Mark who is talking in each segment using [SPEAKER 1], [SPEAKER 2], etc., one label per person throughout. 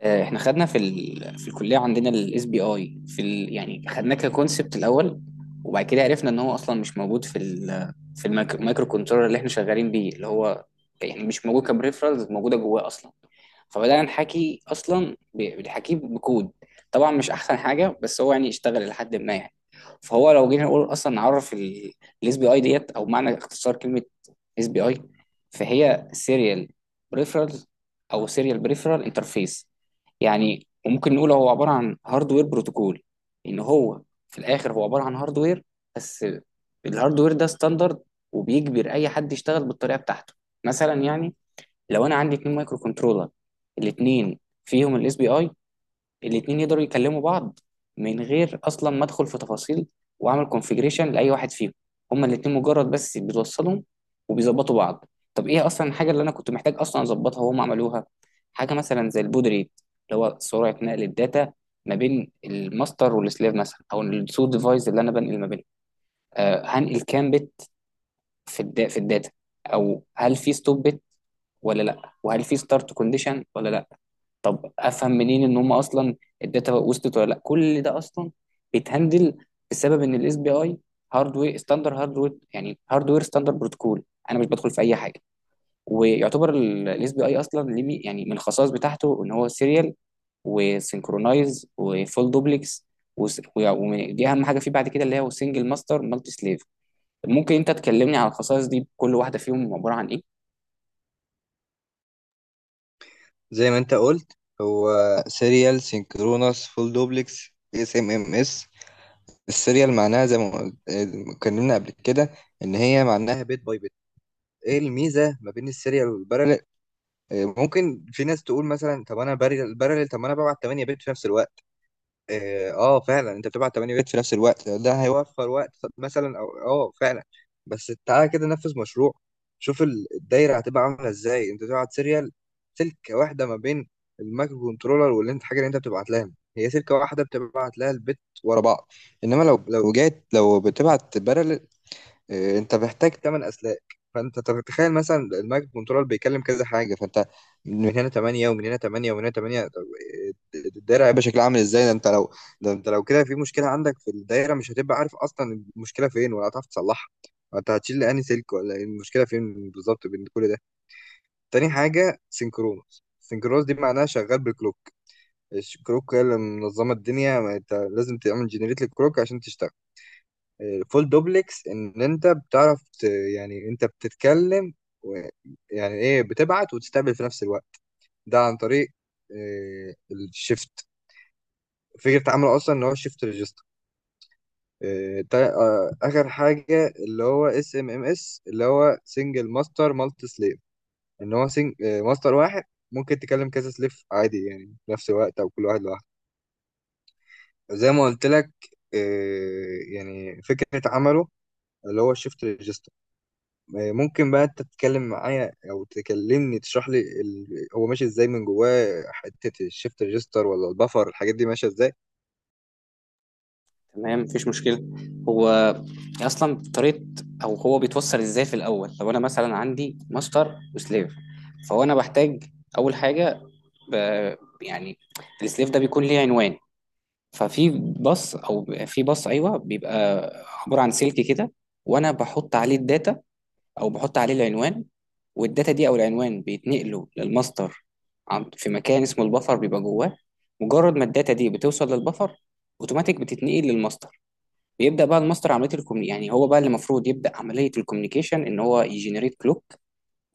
[SPEAKER 1] احنا خدنا في الكليه عندنا الاس بي اي يعني خدناه ككونسبت الاول. وبعد كده عرفنا ان هو اصلا مش موجود في المايكرو كنترولر اللي احنا شغالين بيه، اللي هو يعني مش موجود كبريفرالز موجوده جواه اصلا. فبدأنا نحكي أصلا بنحكيه بكود. طبعا مش أحسن حاجة، بس هو يعني اشتغل لحد ما، يعني فهو لو جينا نقول أصلا نعرف الاس بي اي ديت، أو معنى اختصار كلمة اس بي اي، فهي سيريال بريفرال، أو سيريال بريفرال انترفيس. يعني وممكن نقول هو عبارة عن هاردوير بروتوكول. إن هو في الآخر هو عبارة عن هاردوير بس. الهاردوير ده ستاندرد وبيجبر أي حد يشتغل بالطريقة بتاعته. مثلا يعني لو انا عندي اتنين مايكرو كنترولر، الاتنين فيهم الاس بي اي، الاتنين يقدروا يكلموا بعض من غير اصلا ما ادخل في تفاصيل واعمل كونفيجريشن لاي واحد فيهم. هما الاتنين مجرد بس بيتوصلوا وبيظبطوا بعض. طب ايه اصلا الحاجه اللي انا كنت محتاج اصلا اظبطها وهم عملوها؟ حاجه مثلا زي البود ريت، اللي هو سرعه نقل الداتا ما بين الماستر والسليف مثلا، او السو ديفايس اللي انا بنقل ما بينهم. آه، هنقل كام بت في الداتا، او هل في ستوب بت ولا لا، وهل في ستارت كونديشن ولا لا. افهم منين ان هم اصلا الداتا وصلت ولا لا؟ كل ده اصلا بيتهندل بسبب ان الاس بي اي هاردوير ستاندر هاردوير يعني هاردوير ستاندر بروتوكول، انا مش بدخل في اي حاجه. ويعتبر الاس بي اي اصلا ليه يعني من الخصائص بتاعته ان هو سيريال وسينكرونايز وفول دوبلكس، ودي اهم حاجه فيه، بعد كده اللي هي سنجل ماستر مالتي سليف. ممكن انت تكلمني على الخصائص دي كل واحده فيهم عباره عن ايه؟
[SPEAKER 2] زي ما انت قلت، هو سيريال سينكرونس فول دوبلكس اس ام ام اس. السيريال معناها زي ما قلت، اتكلمنا قبل كده ان هي معناها بيت باي بيت. ايه الميزه ما بين السيريال والبارلل؟ اه، ممكن في ناس تقول مثلا طب انا بارلل بارلل، طب ما انا ببعت 8 بيت في نفس الوقت. فعلا انت بتبعت 8 بيت في نفس الوقت، ده هيوفر وقت مثلا، او اه فعلا. بس تعالى كده نفذ مشروع، شوف الدايره هتبقى عامله ازاي. انت تبعت سيريال، سلكه واحده ما بين المايكرو كنترولر واللي انت حاجه اللي انت بتبعت لها، هي سلكه واحده بتبعت لها البت ورا بعض. انما لو بتبعت، إيه، انت محتاج تمن اسلاك. فانت طب تخيل مثلا المايكرو كنترول بيكلم كذا حاجه، فانت من هنا 8 ومن هنا 8 ومن هنا 8. طب إيه، الدايره هيبقى شكلها عامل ازاي؟ ده انت لو كده في مشكله عندك في الدايره، مش هتبقى عارف اصلا المشكله فين ولا هتعرف تصلحها. انت هتشيل انهي سلك؟ ولا إيه المشكله فين بالظبط بين كل ده؟ تاني حاجه سينكرونوس. سينكرونوس دي معناها شغال بالكلوك، الكلوك هي اللي منظمه الدنيا، ما انت لازم تعمل جنريت للكلوك عشان تشتغل. فول دوبلكس ان انت يعني انت بتتكلم و... يعني ايه، بتبعت وتستقبل في نفس الوقت، ده عن طريق الشيفت. فكرة عمله اصلا ان هو شيفت ريجستر. اخر حاجة اللي هو اس ام ام اس اللي هو سنجل ماستر مالتي سليف، ان هو ماستر واحد ممكن تكلم كذا سليف عادي، يعني في نفس الوقت او كل واحد لوحده. زي ما قلت لك، يعني فكرة عمله اللي هو شيفت ريجستر. ممكن بقى انت تتكلم معايا او تكلمني تشرح لي هو ماشي ازاي من جواه؟ حته الشيفت ريجستر ولا البفر الحاجات دي ماشيه ازاي؟
[SPEAKER 1] تمام، مفيش مشكله. هو اصلا طريقه او هو بيتوصل ازاي في الاول، لو انا مثلا عندي ماستر وسليف، فهو انا بحتاج اول حاجه ب... يعني السليف ده بيكون ليه عنوان. ففي باص، او في باص ايوه، بيبقى عباره عن سلك كده، وانا بحط عليه الداتا او بحط عليه العنوان، والداتا دي او العنوان بيتنقلوا للماستر. في مكان اسمه البفر بيبقى جواه. مجرد ما الداتا دي بتوصل للبفر اوتوماتيك بتتنقل للماستر. بيبدا بقى الماستر عمليه الكومني، يعني هو بقى اللي المفروض يبدا عمليه الكوميونيكيشن ان هو يجنريت كلوك.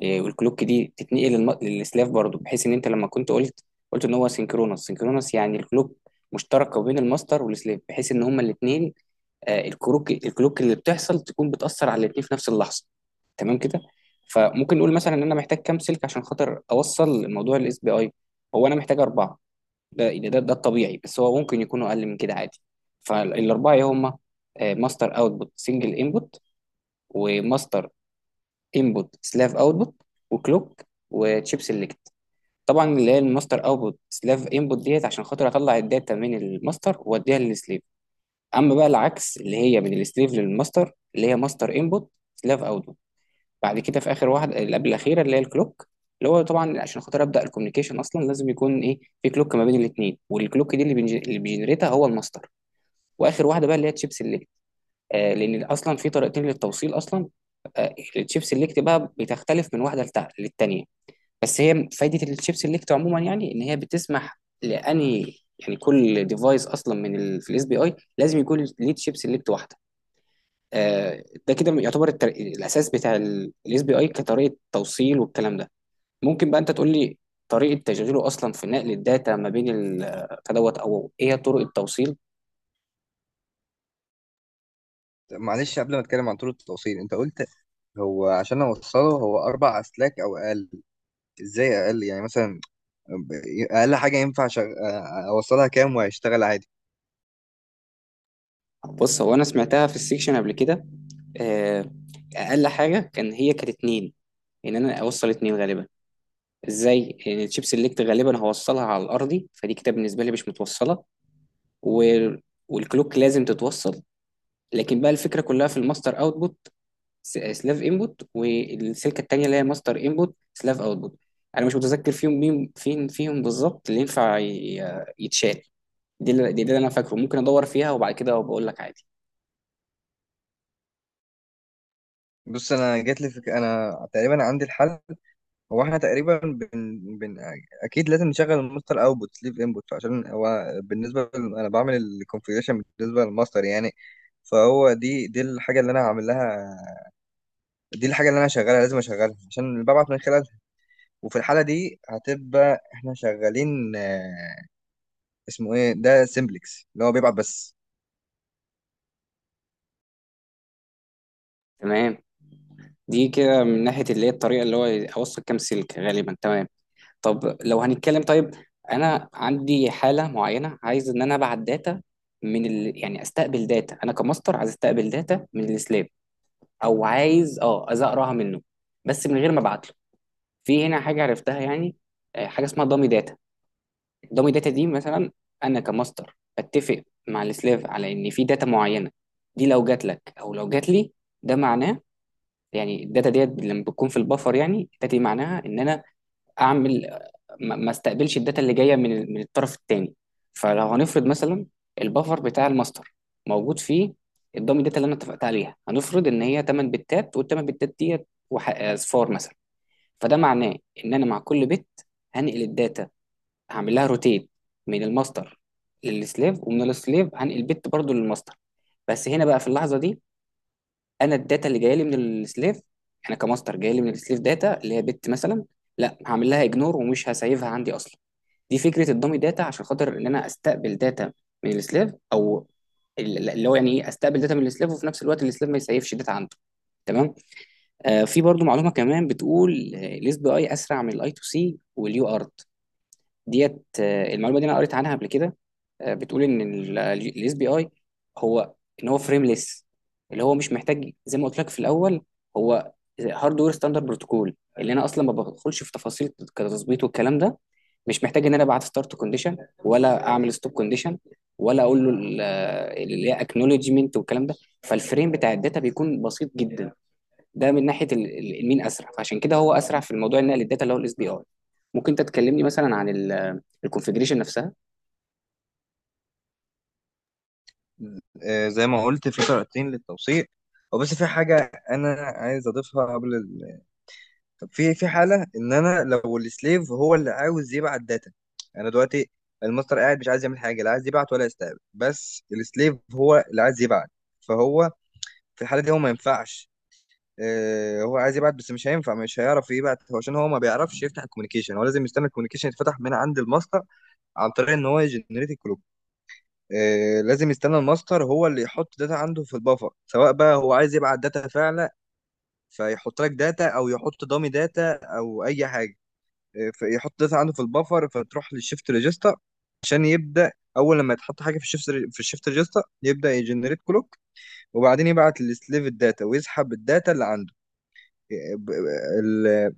[SPEAKER 1] آه، والكلوك دي تتنقل للسلاف برضه، بحيث ان انت لما كنت قلت، ان هو سينكرونس. سينكرونس يعني الكلوك مشتركه بين الماستر والسلاف، بحيث ان هما الاثنين آه، الكلوك اللي بتحصل تكون بتأثر على الاتنين في نفس اللحظة. تمام كده. فممكن نقول مثلا ان انا محتاج كام سلك عشان خاطر اوصل موضوع الاس بي اي؟ هو انا محتاج اربعه، ده يعني ده الطبيعي، بس هو ممكن يكونوا اقل من كده عادي. فالاربعه إيه هما؟ ماستر اوتبوت سنجل انبوت، وماستر انبوت سلاف اوتبوت، وكلوك، وتشيب سيلكت. طبعا اللي هي الماستر اوتبوت سلاف انبوت ديت عشان خاطر اطلع الداتا من الماستر واديها للسليف. اما بقى العكس اللي هي من السليف للماستر اللي هي ماستر انبوت سلاف اوتبوت. بعد كده في اخر واحده، اللي قبل الاخيره اللي هي الكلوك، اللي هو طبعا عشان خاطر ابدا الكوميونيكيشن اصلا لازم يكون ايه في كلوك ما بين الاثنين، والكلوك دي اللي اللي بيجنريتها هو الماستر. واخر واحده بقى اللي هي تشيب سيلكت. آه، لان اصلا في طريقتين للتوصيل اصلا. آه، التشيب سيلكت بقى بتختلف من واحده للتانيه. بس هي فايده التشيب سيلكت عموما يعني ان هي بتسمح لاني، يعني كل ديفايس اصلا في الاس بي اي لازم يكون ليه تشيب سيلكت واحده. آه، ده كده يعتبر الاساس بتاع الاس بي اي كطريقه توصيل والكلام ده. ممكن بقى انت تقول لي طريقه تشغيله اصلا في نقل الداتا ما بين فدوت، او ايه طرق التوصيل؟
[SPEAKER 2] طب معلش قبل ما اتكلم عن طول التوصيل، انت قلت هو عشان اوصله هو اربع اسلاك او اقل، ازاي اقل يعني؟ مثلا اقل حاجه ينفع اوصلها كام وهيشتغل عادي؟
[SPEAKER 1] بص هو انا سمعتها في السيكشن قبل كده، آه، اقل حاجه كان هي كانت اتنين. ان انا اوصل اتنين غالبا ازاي؟ ان الشيب سيلكت غالبا هوصلها على الارضي، فدي كده بالنسبه لي مش متوصله، و... والكلوك لازم تتوصل. لكن بقى الفكره كلها في الماستر اوتبوت سلاف انبوت والسلكه التانيه اللي هي ماستر انبوت سلاف اوتبوت، انا مش متذكر فيهم مين فين فيهم بالظبط اللي ينفع يتشال. دي اللي انا فاكره، ممكن ادور فيها وبعد كده بقول لك عادي.
[SPEAKER 2] بص انا انا تقريبا عندي الحل. هو احنا تقريبا اكيد لازم نشغل الماستر اوتبوت سليف انبوت، عشان هو بالنسبه انا بعمل الكونفيجريشن بالنسبه للماستر يعني. فهو دي الحاجه اللي انا هعمل لها، دي الحاجه اللي انا هشغلها، لازم اشغلها عشان اللي ببعت من خلالها. وفي الحاله دي هتبقى احنا شغالين، اسمه ايه ده، سيمبلكس، اللي هو بيبعت بس.
[SPEAKER 1] تمام، دي كده من ناحيه اللي هي الطريقه اللي هو اوصل كام سلك غالبا. تمام. طب لو هنتكلم، طيب انا عندي حاله معينه، عايز ان انا ابعت داتا يعني استقبل داتا، انا كماستر عايز استقبل داتا من السلاب، او عايز اه عايز اقراها منه بس من غير ما ابعت له. في هنا حاجه عرفتها، يعني آه، حاجه اسمها دامي داتا. دامي داتا دي مثلا انا كماستر بتفق مع السلاف على ان في داتا معينه، دي لو جات لك او لو جات لي ده معناه، يعني الداتا ديت لما بتكون في البفر، يعني الداتا دي معناها ان انا اعمل ما استقبلش الداتا اللي جايه من الطرف الثاني. فلو هنفرض مثلا البفر بتاع الماستر موجود فيه الدامي داتا اللي انا اتفقت عليها، هنفرض ان هي 8 بتات، وال 8 بتات ديت اصفار مثلا. فده معناه ان انا مع كل بت هنقل الداتا، هعمل لها روتيت من الماستر للسليف، ومن السليف هنقل بت برضو للماستر. بس هنا بقى في اللحظه دي انا الداتا اللي جايه لي من السليف، انا كماستر جايه لي من السليف داتا اللي هي بت مثلا، لا هعمل لها اجنور ومش هسيفها عندي اصلا. دي فكره الدامي داتا عشان خاطر ان انا استقبل داتا من السليف، او اللي هو يعني ايه استقبل داتا من السليف، وفي نفس الوقت السليف ما يسيفش داتا عنده. تمام. آه، في برضو معلومه كمان بتقول آه، الاس بي اي اسرع من الاي تو سي واليو ارت ديت. آه، المعلومه دي انا قريت عنها قبل كده. آه، بتقول ان الاس بي اي هو ان هو فريمليس، اللي هو مش محتاج زي ما قلت لك في الاول، هو هاردوير ستاندرد بروتوكول، اللي انا اصلا ما بدخلش في تفاصيل كتظبيط والكلام ده. مش محتاج ان انا ابعت ستارت كونديشن، ولا اعمل ستوب كونديشن، ولا اقول له اللي هي اكنولجمنت والكلام ده. فالفريم بتاع الداتا بيكون بسيط جدا. ده من ناحيه المين اسرع، فعشان كده هو اسرع في الموضوع النقل الداتا اللي هو الاس بي اي. ممكن انت تكلمني مثلا عن الكونفجريشن نفسها؟
[SPEAKER 2] زي ما قلت في طريقتين للتوصيل، وبس في حاجه انا عايز اضيفها قبل. طب في حاله ان انا لو السليف هو اللي عاوز يبعت داتا، انا دلوقتي الماستر قاعد مش عايز يعمل حاجه، لا عايز يبعت ولا يستقبل، بس السليف هو اللي عايز يبعت. فهو في الحاله دي هو ما ينفعش. هو عايز يبعت بس مش هينفع، مش هيعرف يبعت، هو عشان هو ما بيعرفش يفتح الكوميونيكيشن، هو لازم يستنى الكوميونيكيشن يتفتح من عند الماستر عن طريق ان هو يجنريت الكلوك. لازم يستنى الماستر هو اللي يحط داتا عنده في البفر، سواء بقى هو عايز يبعت داتا فعلا فيحط لك داتا او يحط دامي داتا او اي حاجه، فيحط داتا عنده في البفر، فتروح للشيفت ريجستا عشان يبدا. اول لما يتحط حاجه في الشيفت ريجستا يبدا يجنريت كلوك، وبعدين يبعت للسليف الداتا ويسحب الداتا اللي عنده. ب- ال-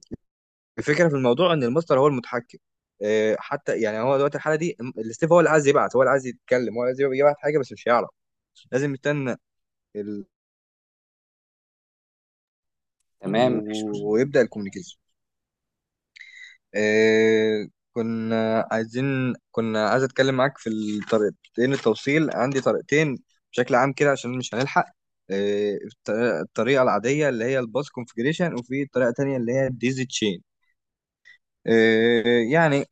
[SPEAKER 2] الفكره في الموضوع ان الماستر هو المتحكم. حتى يعني هو دلوقتي الحاله دي السليف هو اللي عايز يبعت، هو اللي عايز يتكلم، هو اللي عايز يبعت حاجه بس مش هيعرف، لازم يستنى ال...
[SPEAKER 1] تمام،
[SPEAKER 2] ويبدا الكوميونيكيشن. إيه، كنا عايز اتكلم معاك في الطريقتين التوصيل. عندي طريقتين بشكل عام كده عشان مش هنلحق. إيه الط- الطريقه العاديه اللي هي الباس كونفجريشن، وفي طريقه تانية اللي هي الديزي تشين. إيه يعني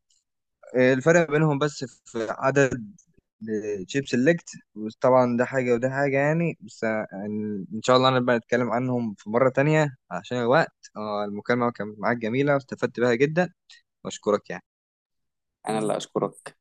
[SPEAKER 2] إيه الفرق بينهم؟ بس في عدد تشيب سيلكت. طبعا ده حاجه وده حاجه يعني، بس ان إن شاء الله نبقى نتكلم عنهم في مره تانية عشان الوقت. المكالمه كانت معاك جميله واستفدت بها جدا، واشكرك يعني.
[SPEAKER 1] انا اللي اشكرك.